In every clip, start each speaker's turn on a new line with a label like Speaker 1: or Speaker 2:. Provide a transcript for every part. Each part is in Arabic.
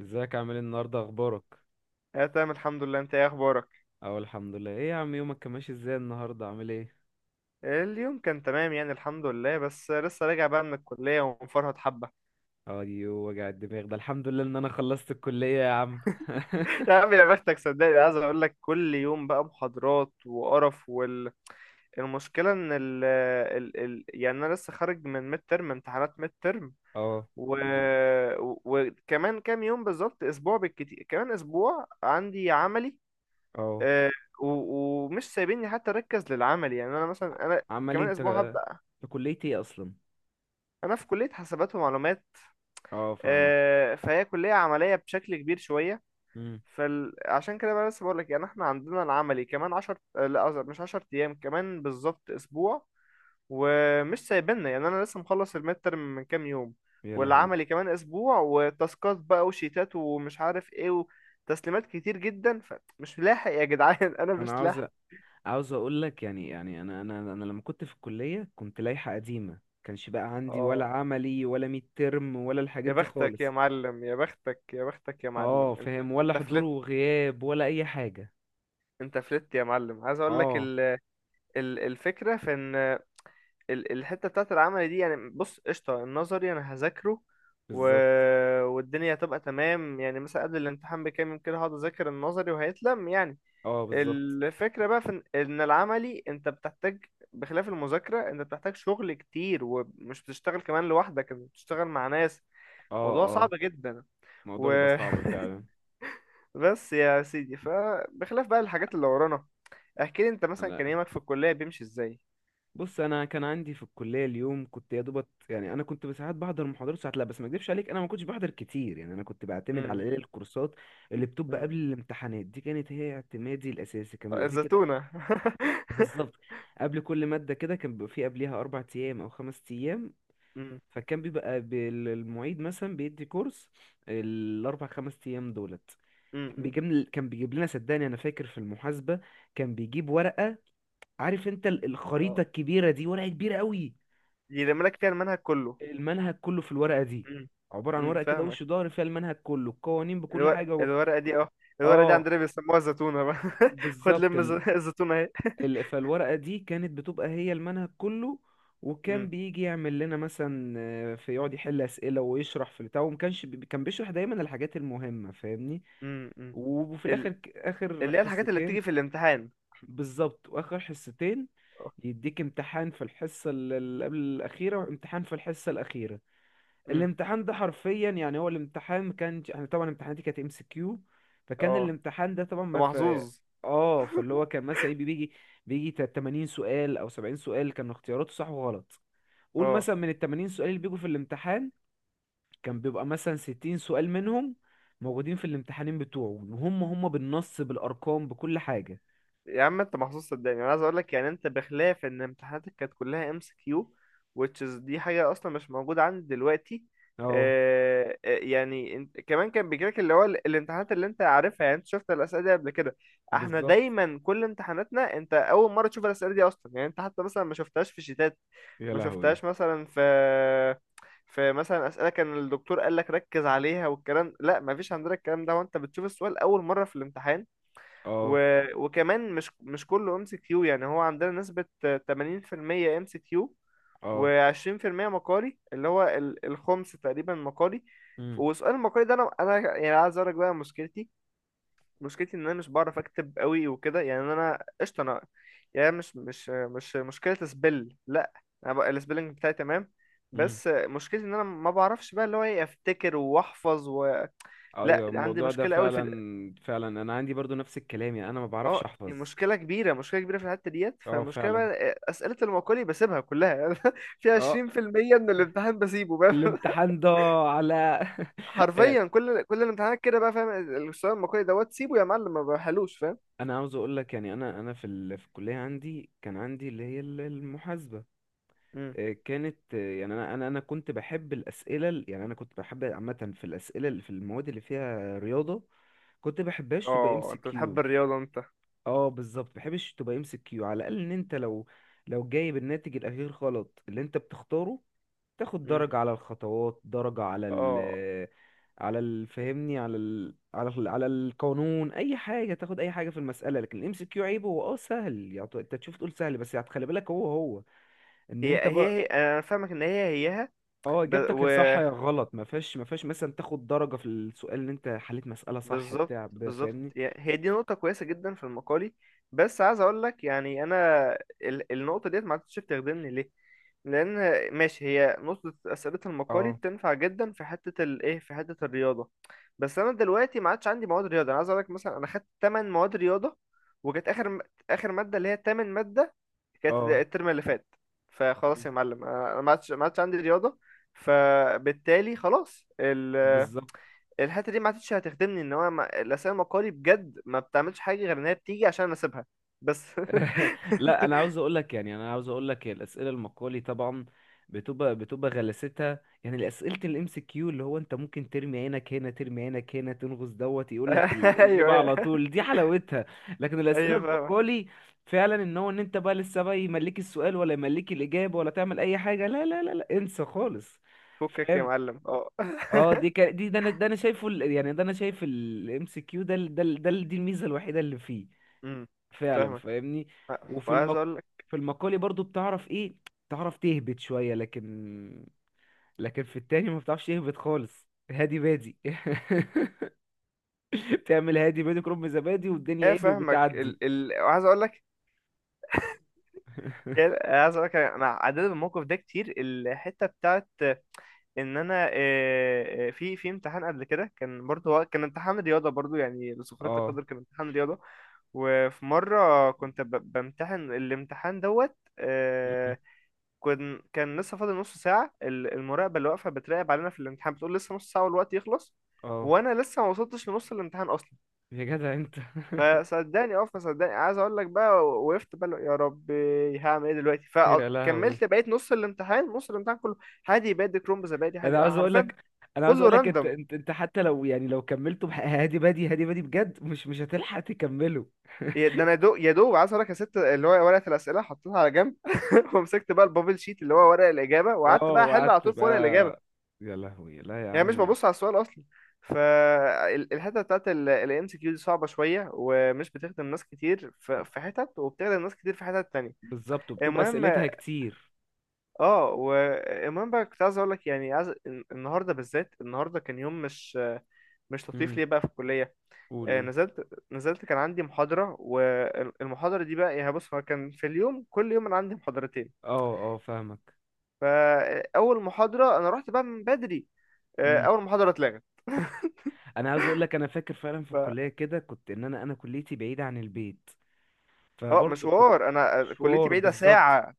Speaker 1: ازيك؟ عامل ايه النهارده؟ اخبارك؟
Speaker 2: اه تمام، الحمد لله. انت ايه اخبارك؟
Speaker 1: اه الحمد لله. ايه يا عم يومك كان ماشي ازاي النهارده؟ عامل ايه؟
Speaker 2: اليوم كان تمام يعني، الحمد لله، بس لسه راجع بقى من الكليه ومفرهد حبه.
Speaker 1: ايوه وجع الدماغ ده، الحمد لله ان انا خلصت الكليه يا عم.
Speaker 2: يا عم يا بختك، صدقني. عايز اقول لك كل يوم بقى محاضرات وقرف المشكلة ان ال ال ال يعني انا لسه خارج من ميد ترم، امتحانات ميد ترم.
Speaker 1: اه.
Speaker 2: و... وكمان كام يوم، بالظبط اسبوع، بالكتير كمان اسبوع عندي عملي.
Speaker 1: اه.
Speaker 2: آه، و... ومش سايبيني حتى اركز للعمل. يعني انا مثلا
Speaker 1: عمال إيه
Speaker 2: كمان
Speaker 1: انت؟
Speaker 2: اسبوع هبدأ.
Speaker 1: في كليه ايه اصلا؟
Speaker 2: انا في كلية حسابات ومعلومات،
Speaker 1: اه فاهمك.
Speaker 2: فهي كلية عملية بشكل كبير شوية.
Speaker 1: امم.
Speaker 2: فعشان كده بقى لسه بقولك يعني احنا عندنا العملي كمان عشر، لا قصدي مش عشر أيام، كمان بالظبط أسبوع. ومش سايبنا يعني. أنا لسه مخلص الميد ترم من كام يوم،
Speaker 1: يا لهوي.
Speaker 2: والعملي كمان أسبوع، وتاسكات بقى وشيتات ومش عارف ايه، وتسليمات كتير جدا. فمش لاحق يا جدعان. أنا
Speaker 1: انا
Speaker 2: مش لاحق.
Speaker 1: عاوز اقول لك، يعني انا لما كنت في الكليه كنت لائحه قديمه. كانش بقى عندي ولا
Speaker 2: اه
Speaker 1: عملي ولا ميد ترم ولا الحاجات
Speaker 2: يا
Speaker 1: دي
Speaker 2: بختك يا
Speaker 1: خالص.
Speaker 2: معلم، يا بختك، يا بختك يا
Speaker 1: اه
Speaker 2: معلم. انت
Speaker 1: فاهم، ولا
Speaker 2: انت
Speaker 1: حضور
Speaker 2: فلت.
Speaker 1: وغياب ولا اي حاجه.
Speaker 2: انت فلت يا معلم. عايز اقول لك
Speaker 1: اه
Speaker 2: الفكرة في ان الحتة بتاعت العمل دي، يعني بص، قشطة، النظري أنا هذاكره، و...
Speaker 1: بالظبط.
Speaker 2: والدنيا هتبقى تمام. يعني مثلا قبل الامتحان بكام يوم كده هقعد أذاكر النظري وهيتلم يعني.
Speaker 1: اه بالظبط.
Speaker 2: الفكرة بقى في إن العملي أنت بتحتاج، بخلاف المذاكرة، أنت بتحتاج شغل كتير، ومش بتشتغل كمان لوحدك، أنت بتشتغل مع ناس. موضوع صعب
Speaker 1: اه
Speaker 2: جدا.
Speaker 1: الموضوع
Speaker 2: و...
Speaker 1: بيبقى صعب فعلا.
Speaker 2: بس يا سيدي، فبخلاف بقى الحاجات اللي ورانا، احكي لي أنت مثلا
Speaker 1: انا
Speaker 2: كان يومك في الكلية بيمشي إزاي؟
Speaker 1: بص، انا كان عندي في الكليه، اليوم كنت يا دوبت، يعني انا كنت ساعات بحضر محاضرات ساعات لا، بس ما اكدبش عليك انا ما كنتش بحضر كتير، يعني انا كنت بعتمد على
Speaker 2: امم
Speaker 1: ايه، الكورسات اللي بتبقى قبل الامتحانات دي كانت هي اعتمادي الاساسي، كان بيبقى فيه كده.
Speaker 2: الزتونة.
Speaker 1: بالظبط، قبل كل ماده كده كان بيبقى فيه قبليها اربع ايام او خمس ايام.
Speaker 2: مم.
Speaker 1: فكان المعيد مثلا بيدي كورس الاربع خمس ايام دولت،
Speaker 2: مم.
Speaker 1: كان
Speaker 2: مم.
Speaker 1: بيجيب كان بيجيب لنا، صدقني انا فاكر في المحاسبه كان بيجيب ورقه. عارف انت
Speaker 2: اه،
Speaker 1: الخريطة الكبيرة دي؟ ورقة كبيرة قوي.
Speaker 2: يرمي لك فيها المنهج كله.
Speaker 1: المنهج كله في الورقة دي،
Speaker 2: مم.
Speaker 1: عبارة عن
Speaker 2: مم.
Speaker 1: ورقة كده
Speaker 2: فاهمك.
Speaker 1: وش ظهر فيها المنهج كله، القوانين بكل
Speaker 2: الورق
Speaker 1: حاجة
Speaker 2: الورقة دي، اه. الورقة دي
Speaker 1: اه
Speaker 2: عندنا بيسموها الزتونة بقى. خد
Speaker 1: بالظبط.
Speaker 2: لم الزتونة اهي.
Speaker 1: فالورقة دي كانت بتبقى هي المنهج كله. وكان
Speaker 2: مم.
Speaker 1: بيجي يعمل لنا مثلا في يقعد يحل أسئلة ويشرح في البتاع، كان بيشرح دايما الحاجات المهمة، فاهمني.
Speaker 2: مم. مم.
Speaker 1: وفي
Speaker 2: ال-
Speaker 1: آخر
Speaker 2: اللي هي الحاجات اللي
Speaker 1: حصتين.
Speaker 2: بتيجي في الامتحان.
Speaker 1: بالظبط، وآخر حصتين
Speaker 2: اه.
Speaker 1: يديك امتحان في الحصة اللي قبل الأخيرة وامتحان في الحصة الأخيرة.
Speaker 2: مم.
Speaker 1: الامتحان ده حرفيا، يعني هو الامتحان ما كانش، احنا طبعا امتحاناتي كانت ام سي كيو، فكان
Speaker 2: اه.
Speaker 1: الامتحان ده طبعا
Speaker 2: انت
Speaker 1: ما في.
Speaker 2: محظوظ.
Speaker 1: اه فاللي هو كان مثلا 80 سؤال او 70 سؤال، كانوا اختياراته صح وغلط. قول
Speaker 2: اه
Speaker 1: مثلا من ال 80 سؤال اللي بيجوا في الامتحان كان بيبقى مثلا 60 سؤال منهم موجودين في الامتحانين بتوعه، وهم هم بالنص بالارقام بكل حاجة.
Speaker 2: يا عم انت محظوظ، صدقني. انا عايز اقول لك يعني، انت بخلاف ان امتحاناتك كانت كلها ام سي كيو، which is دي حاجه اصلا مش موجوده عندي دلوقتي.
Speaker 1: اه
Speaker 2: يعني انت كمان كان بيجيلك اللي هو الامتحانات اللي انت عارفها. يعني انت شفت الاسئله دي قبل كده. احنا
Speaker 1: بالظبط.
Speaker 2: دايما كل امتحاناتنا انت اول مره تشوف الاسئله دي اصلا. يعني انت حتى مثلا ما شفتهاش في شيتات،
Speaker 1: يا
Speaker 2: ما
Speaker 1: لهوي.
Speaker 2: شفتهاش مثلا في مثلا اسئله كان الدكتور قال لك ركز عليها والكلام. لا، ما فيش عندنا الكلام ده، وانت بتشوف السؤال اول مره في الامتحان. و...
Speaker 1: اه.
Speaker 2: وكمان مش كله ام سي كيو. يعني هو عندنا نسبة 80% ام سي كيو
Speaker 1: اه.
Speaker 2: و20% مقالي، اللي هو الخمس تقريبا مقالي. وسؤال المقالي ده انا، يعني عايز اقول لك بقى مشكلتي. مشكلتي ان انا مش بعرف اكتب قوي وكده. يعني انا قشطه، انا يعني مش مشكله سبل، لا. انا بقى السبيلنج بتاعي تمام.
Speaker 1: امم.
Speaker 2: بس مشكلتي ان انا ما بعرفش بقى اللي هو ايه، افتكر واحفظ لا
Speaker 1: ايوه
Speaker 2: عندي
Speaker 1: الموضوع ده
Speaker 2: مشكله قوي في،
Speaker 1: فعلا فعلا، انا عندي برضو نفس الكلام، يعني انا ما بعرفش
Speaker 2: اه،
Speaker 1: احفظ.
Speaker 2: مشكلة كبيرة، مشكلة كبيرة في الحتة ديت.
Speaker 1: اه
Speaker 2: فالمشكلة
Speaker 1: فعلا.
Speaker 2: بقى أسئلة المقالي بسيبها كلها يعني. في
Speaker 1: اه.
Speaker 2: 20% من الامتحان بسيبه بقى.
Speaker 1: الامتحان ده على. يعني
Speaker 2: حرفيا، كل الامتحانات كده بقى، فاهم؟ السؤال المقالي دوت سيبه يا معلم، ما بحلوش، فاهم.
Speaker 1: انا عاوز اقول لك، يعني انا في في الكليه عندي، كان عندي اللي هي المحاسبه.
Speaker 2: مم.
Speaker 1: كانت يعني انا كنت بحب يعني انا كنت بحب عامه في الاسئله اللي في المواد اللي فيها رياضه، كنت بحبهاش تبقى ام
Speaker 2: اه،
Speaker 1: سي
Speaker 2: انت بتحب
Speaker 1: كيو.
Speaker 2: الرياضة انت.
Speaker 1: اه بالظبط، بحبش تبقى ام سي كيو. على الاقل ان انت لو لو جايب الناتج الاخير غلط اللي انت بتختاره، تاخد
Speaker 2: مم.
Speaker 1: درجة على الخطوات، درجة على ال
Speaker 2: اه،
Speaker 1: على فاهمني، على ال على ال على القانون، اي حاجة تاخد اي حاجة في المسألة. لكن الام سي كيو عيبه هو اه سهل، يعني انت تشوف تقول سهل، بس يعني خلي بالك هو هو ان
Speaker 2: هي
Speaker 1: انت
Speaker 2: هي
Speaker 1: بر...
Speaker 2: هي انا فاهمك ان هي هيها.
Speaker 1: اه
Speaker 2: ب...
Speaker 1: اجابتك يا
Speaker 2: و...
Speaker 1: صح يا غلط، ما فيهاش مثلا تاخد درجة في السؤال ان انت حليت مسألة صح،
Speaker 2: بالظبط، بالظبط،
Speaker 1: فاهمني.
Speaker 2: هي دي نقطة كويسة جدا في المقالي. بس عايز اقول لك يعني، انا النقطة ديت ما عادتش بتخدمني. ليه؟ لان ماشي، هي نقطة أسئلة المقالي
Speaker 1: اه.
Speaker 2: بتنفع جدا في حتة الايه، في حتة الرياضة، بس انا دلوقتي ما عادش عندي مواد رياضة. انا عايز اقول لك مثلا انا خدت 8 مواد رياضة، وكانت اخر مادة اللي هي تامن مادة كانت
Speaker 1: اه.
Speaker 2: الترم اللي فات. فخلاص
Speaker 1: مم.
Speaker 2: يا معلم، أنا ما عادش عندي رياضة، فبالتالي خلاص،
Speaker 1: بالظبط.
Speaker 2: الحته دي ما عادتش هتخدمني. ان هو ما... الاسئله المقالي بجد ما بتعملش حاجه، غير ان هي بتيجي عشان انا اسيبها بس.
Speaker 1: لا انا عاوز اقول لك، يعني انا عاوز اقول لك الاسئله المقالي طبعا بتبقى غلستها. يعني اسئله الام سي كيو اللي هو انت ممكن ترمي عينك هنا ترمي عينك هنا تنغص دوت يقول لك
Speaker 2: ايوه،
Speaker 1: الاجابه
Speaker 2: ايوه،
Speaker 1: على طول، دي حلاوتها. لكن الاسئله
Speaker 2: ايوه، فاهمك.
Speaker 1: المقالي فعلا، ان هو ان انت بقى لسه بقى يملك السؤال ولا يملك الاجابه ولا تعمل اي حاجه، لا لا لا لا انسى خالص.
Speaker 2: فكك يا
Speaker 1: فاهم.
Speaker 2: معلم، اه.
Speaker 1: اه دي كا... دي ده انا ده انا شايفه ال... يعني ده انا شايف الام سي كيو ده دي الميزه الوحيده اللي فيه.
Speaker 2: امم
Speaker 1: فعلا،
Speaker 2: فاهمك،
Speaker 1: فاهمني. وفي
Speaker 2: وعايز
Speaker 1: المق...
Speaker 2: اقول لك،
Speaker 1: في المقالي برضو بتعرف ايه، بتعرف تهبط شوية، لكن في التاني ما بتعرفش تهبط خالص، هادي بادي. بتعمل هادي بادي كرم زبادي والدنيا
Speaker 2: ايه،
Speaker 1: ايه
Speaker 2: فاهمك،
Speaker 1: بتعدي.
Speaker 2: وعايز اقول لك، إيه، عايز اقول لك، انا عديت بالموقف ده كتير. الحته بتاعت ان انا، في امتحان قبل كده كان برضه، هو كان امتحان رياضه برضه، يعني لسخريه
Speaker 1: اه.
Speaker 2: القدر كان امتحان رياضه. وفي مره كنت بمتحن الامتحان دوت،
Speaker 1: مم.
Speaker 2: كان لسه فاضل نص ساعه. المراقبه اللي واقفه بتراقب علينا في الامتحان بتقول لسه نص ساعه والوقت يخلص،
Speaker 1: اه.
Speaker 2: وانا لسه ما وصلتش لنص الامتحان اصلا.
Speaker 1: يا جدع انت.
Speaker 2: فصدقني، عايز اقول لك بقى، وقفت بقى، يا ربي هعمل ايه دلوقتي؟
Speaker 1: يا لهوي.
Speaker 2: فكملت بقيت نص الامتحان، كله هادي بادي كرومب زبادي،
Speaker 1: انا
Speaker 2: هادي
Speaker 1: عاوز اقول
Speaker 2: حرفيا.
Speaker 1: لك، انا عاوز
Speaker 2: كله
Speaker 1: اقول لك انت
Speaker 2: راندوم.
Speaker 1: انت حتى لو، يعني لو كملته هادي بادي هادي بادي بجد مش مش هتلحق تكمله.
Speaker 2: ده انا دو يا دوب، عايز اقولك يا ست، اللي هو ورقه الاسئله حطيتها على جنب. ومسكت بقى البابل شيت، اللي هو ورق الاجابه، وقعدت
Speaker 1: اه
Speaker 2: بقى احل على
Speaker 1: وقعدت
Speaker 2: طول في ورق الاجابه.
Speaker 1: بقى. يا لهوي. لا يا
Speaker 2: يعني مش
Speaker 1: عم.
Speaker 2: ببص على السؤال اصلا. فالحته بتاعت الام سي كيو دي صعبه شويه، ومش بتخدم ناس كتير في حتت، وبتخدم ناس كتير في حتت تانية.
Speaker 1: بالظبط، وبتبقى
Speaker 2: المهم.
Speaker 1: اسئلتها كتير.
Speaker 2: اه، والمهم بقى، كنت عايز اقول لك يعني، عايز، النهارده بالذات، النهارده كان يوم مش لطيف
Speaker 1: امم.
Speaker 2: ليه بقى في الكلية.
Speaker 1: قول قول.
Speaker 2: نزلت، كان عندي محاضرة، والمحاضرة دي بقى يعني، بص، هو كان في اليوم، كل يوم أنا عندي محاضرتين.
Speaker 1: اه. اه فاهمك.
Speaker 2: فأول محاضرة أنا رحت بقى من بدري.
Speaker 1: امم.
Speaker 2: أول محاضرة اتلغت.
Speaker 1: انا عايز اقول لك انا فاكر فعلا في
Speaker 2: ف
Speaker 1: الكليه كده كنت، ان انا كليتي بعيده عن البيت،
Speaker 2: اه،
Speaker 1: فبرضه كنت
Speaker 2: مشوار. أنا كليتي
Speaker 1: مشوار،
Speaker 2: بعيدة
Speaker 1: بالظبط.
Speaker 2: ساعة.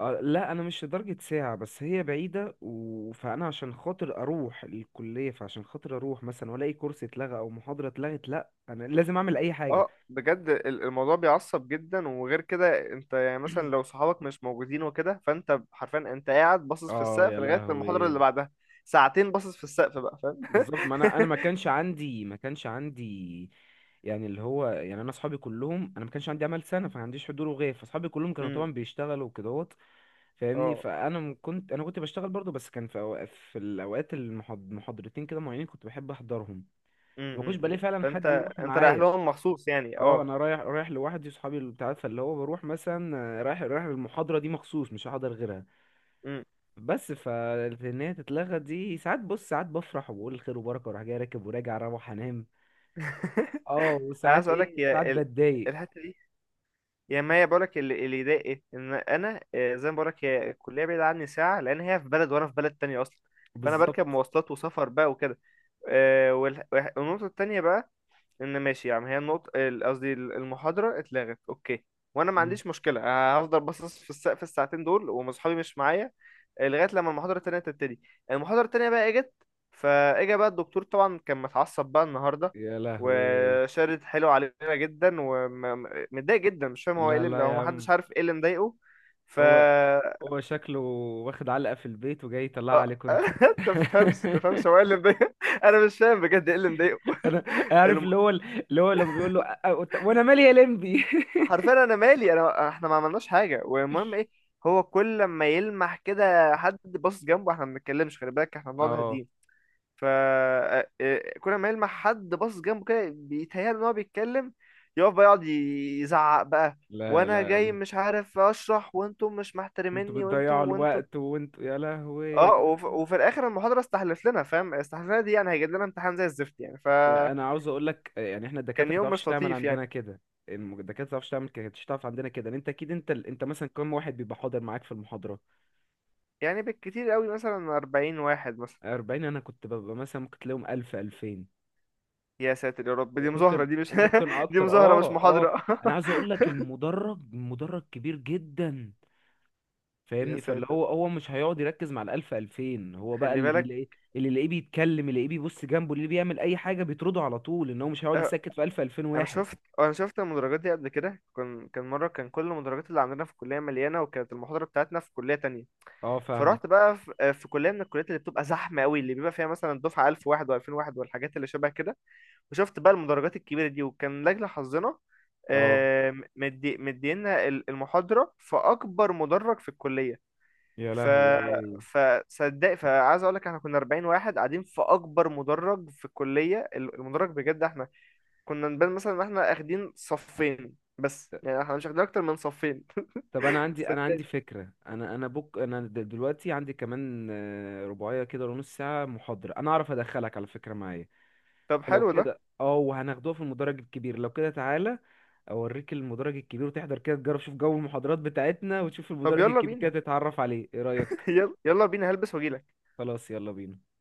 Speaker 1: لا انا مش لدرجه ساعه، بس هي بعيده فانا عشان خاطر اروح الكليه، فعشان خاطر اروح مثلا والاقي كورس اتلغى او محاضره اتلغت، لا انا لازم اعمل اي حاجه.
Speaker 2: اه بجد، الموضوع بيعصب جدا. وغير كده انت، يعني مثلا لو صحابك مش موجودين وكده، فانت حرفيا انت قاعد باصص في
Speaker 1: اه.
Speaker 2: السقف
Speaker 1: يا
Speaker 2: لغاية المحاضرة اللي
Speaker 1: لهوي.
Speaker 2: بعدها. ساعتين باصص في السقف بقى، فاهم.
Speaker 1: بالظبط، ما انا ما كانش عندي يعني اللي هو، يعني انا اصحابي كلهم، انا ما كانش عندي عمل سنه، فما عنديش حضور وغياب، فاصحابي كلهم كانوا
Speaker 2: امم
Speaker 1: طبعا بيشتغلوا وكدهوت، فاهمني.
Speaker 2: اه.
Speaker 1: فانا كنت بشتغل برضو، بس كان في أوقات، في الاوقات المحاضرتين كده معينين كنت بحب احضرهم، فما كنتش
Speaker 2: أمم، أمم.
Speaker 1: بلاقي فعلا
Speaker 2: فانت،
Speaker 1: حد يروح
Speaker 2: انت رايح
Speaker 1: معايا.
Speaker 2: لهم مخصوص يعني،
Speaker 1: اه
Speaker 2: اه.
Speaker 1: انا رايح لوحدي، صحابي اللي بتاع، فاللي هو بروح مثلا رايح المحاضره دي مخصوص، مش هحضر غيرها.
Speaker 2: مم.
Speaker 1: بس فان هي تتلغى دي، ساعات بص ساعات بفرح وبقول خير وبركه وراح جاي راكب وراجع اروح انام. اه
Speaker 2: انا عايز
Speaker 1: وساعات
Speaker 2: اقول لك
Speaker 1: ايه ساعات
Speaker 2: يا
Speaker 1: بتضايق.
Speaker 2: الحته دي، يا ما هي. بقول لك اللي ضايق، ان انا زي ما بقول لك هي الكليه بعيده عني ساعه، لان هي في بلد وانا في بلد تانية اصلا، فانا
Speaker 1: بالظبط.
Speaker 2: بركب مواصلات وسفر بقى وكده. والنقطه التانية بقى، ان ماشي يا عم هي النقطة قصدي المحاضرة اتلغت، اوكي، وانا ما
Speaker 1: مم.
Speaker 2: عنديش مشكلة، أنا هفضل باصص في السقف الساعتين دول ومصحابي مش معايا، لغاية لما المحاضرة التانية تبتدي. المحاضرة التانية بقى اجت، فاجا بقى الدكتور طبعا، كان متعصب بقى النهاردة،
Speaker 1: يا لهوي.
Speaker 2: وشارد حلو علينا جدا ومتضايق جدا. مش فاهم هو ايه
Speaker 1: لا
Speaker 2: اللي مضايقه،
Speaker 1: لا
Speaker 2: هو
Speaker 1: يا عم.
Speaker 2: محدش عارف ايه اللي مضايقه. ف
Speaker 1: هو هو شكله واخد علقة في البيت وجاي يطلعها
Speaker 2: آه،
Speaker 1: عليك انت.
Speaker 2: تفهمش هو ايه اللي مضايقه. انا مش فاهم بجد ايه اللي مضايقه.
Speaker 1: انا عارف اللي هو اللي هو لما بيقول له وانا مالي يا لمبي".
Speaker 2: حرفيا، انا مالي؟ انا، احنا ما عملناش حاجه، والمهم ايه. هو كل ما يلمح كده حد باصص جنبه، احنا ما بنتكلمش، خلي بالك، احنا بنقعد
Speaker 1: اه.
Speaker 2: هاديين. ف آه، آه، كل ما يلمح حد باصص جنبه كده بيتهيأله ان هو بيتكلم، يقف بقى يقعد يزعق بقى،
Speaker 1: لا
Speaker 2: وانا
Speaker 1: لا يا
Speaker 2: جاي
Speaker 1: عم.
Speaker 2: مش عارف اشرح، وانتم مش
Speaker 1: انتوا
Speaker 2: محترميني،
Speaker 1: بتضيعوا
Speaker 2: وانتم وانتم.
Speaker 1: الوقت وانتوا يا لهوي.
Speaker 2: اه وفي الاخر المحاضره استحلف لنا، فاهم، استحلف لنا دي يعني هيجيب لنا امتحان زي الزفت يعني.
Speaker 1: لا،
Speaker 2: فكان
Speaker 1: انا عاوز اقول لك، يعني احنا الدكاتره ما
Speaker 2: يوم
Speaker 1: بتعرفش
Speaker 2: مش
Speaker 1: تعمل
Speaker 2: لطيف
Speaker 1: عندنا
Speaker 2: يعني.
Speaker 1: كده. الدكاتره ما بتعرفش تعمل كده، مش تعرف عندنا كده. ان انت اكيد انت انت مثلا كم واحد بيبقى حاضر معاك في المحاضره؟
Speaker 2: يعني بالكتير قوي مثلا 40 واحد مثلا.
Speaker 1: 40؟ انا كنت ببقى مثلا ممكن تلاقيهم 1000 2000،
Speaker 2: يا ساتر يا رب، دي مظاهرة
Speaker 1: وممكن
Speaker 2: دي مش،
Speaker 1: وممكن
Speaker 2: دي
Speaker 1: اكتر.
Speaker 2: مظاهرة مش
Speaker 1: اه. اه.
Speaker 2: محاضرة.
Speaker 1: انا عايز اقول لك المدرج، المدرج كبير جدا،
Speaker 2: يا
Speaker 1: فاهمني، فاللي
Speaker 2: ساتر،
Speaker 1: هو هو مش هيقعد يركز مع الألف 2000، هو بقى
Speaker 2: خلي
Speaker 1: اللي
Speaker 2: بالك.
Speaker 1: بيلاقيه اللي يلاقيه بيتكلم، اللي يلاقيه بيبص جنبه، اللي بيعمل اي حاجه بيطرده على طول، ان هو مش هيقعد
Speaker 2: آه،
Speaker 1: يسكت في 1000 2000 واحد.
Speaker 2: انا شفت المدرجات دي قبل كده، كان مره كل المدرجات اللي عندنا في الكليه مليانه، وكانت المحاضره بتاعتنا في كليه تانية.
Speaker 1: اه
Speaker 2: فرحت
Speaker 1: فاهمك.
Speaker 2: بقى في كليه من الكليات اللي بتبقى زحمه قوي، اللي بيبقى فيها مثلا دفعه 1000 واحد و2000 واحد والحاجات اللي شبه كده. وشفت بقى المدرجات الكبيره دي، وكان لاجل حظنا،
Speaker 1: اه.
Speaker 2: مدينا المحاضره في اكبر مدرج في الكليه.
Speaker 1: يا
Speaker 2: ف
Speaker 1: لهوي.
Speaker 2: فصدق فعايز اقول لك احنا كنا 40 واحد قاعدين في اكبر مدرج في الكليه. المدرج بجد احنا كنا نبان مثلا ان احنا اخدين صفين بس، يعني احنا مش اخدين اكتر من صفين.
Speaker 1: طب انا عندي، انا
Speaker 2: صدقني.
Speaker 1: عندي فكره، انا دلوقتي عندي كمان رباعيه كده، ونص ساعه محاضره انا اعرف ادخلك على، فكره معايا؟
Speaker 2: طب
Speaker 1: فلو
Speaker 2: حلو ده،
Speaker 1: كده اه وهناخدوها في المدرج الكبير، لو كده تعالى اوريك المدرج الكبير وتحضر كده تجرب، شوف جو المحاضرات بتاعتنا، وتشوف
Speaker 2: طب
Speaker 1: المدرج
Speaker 2: يلا
Speaker 1: الكبير
Speaker 2: بينا.
Speaker 1: كده تتعرف عليه، ايه رأيك؟
Speaker 2: يلا، يلا بينا، هلبس واجيلك.
Speaker 1: خلاص يلا بينا.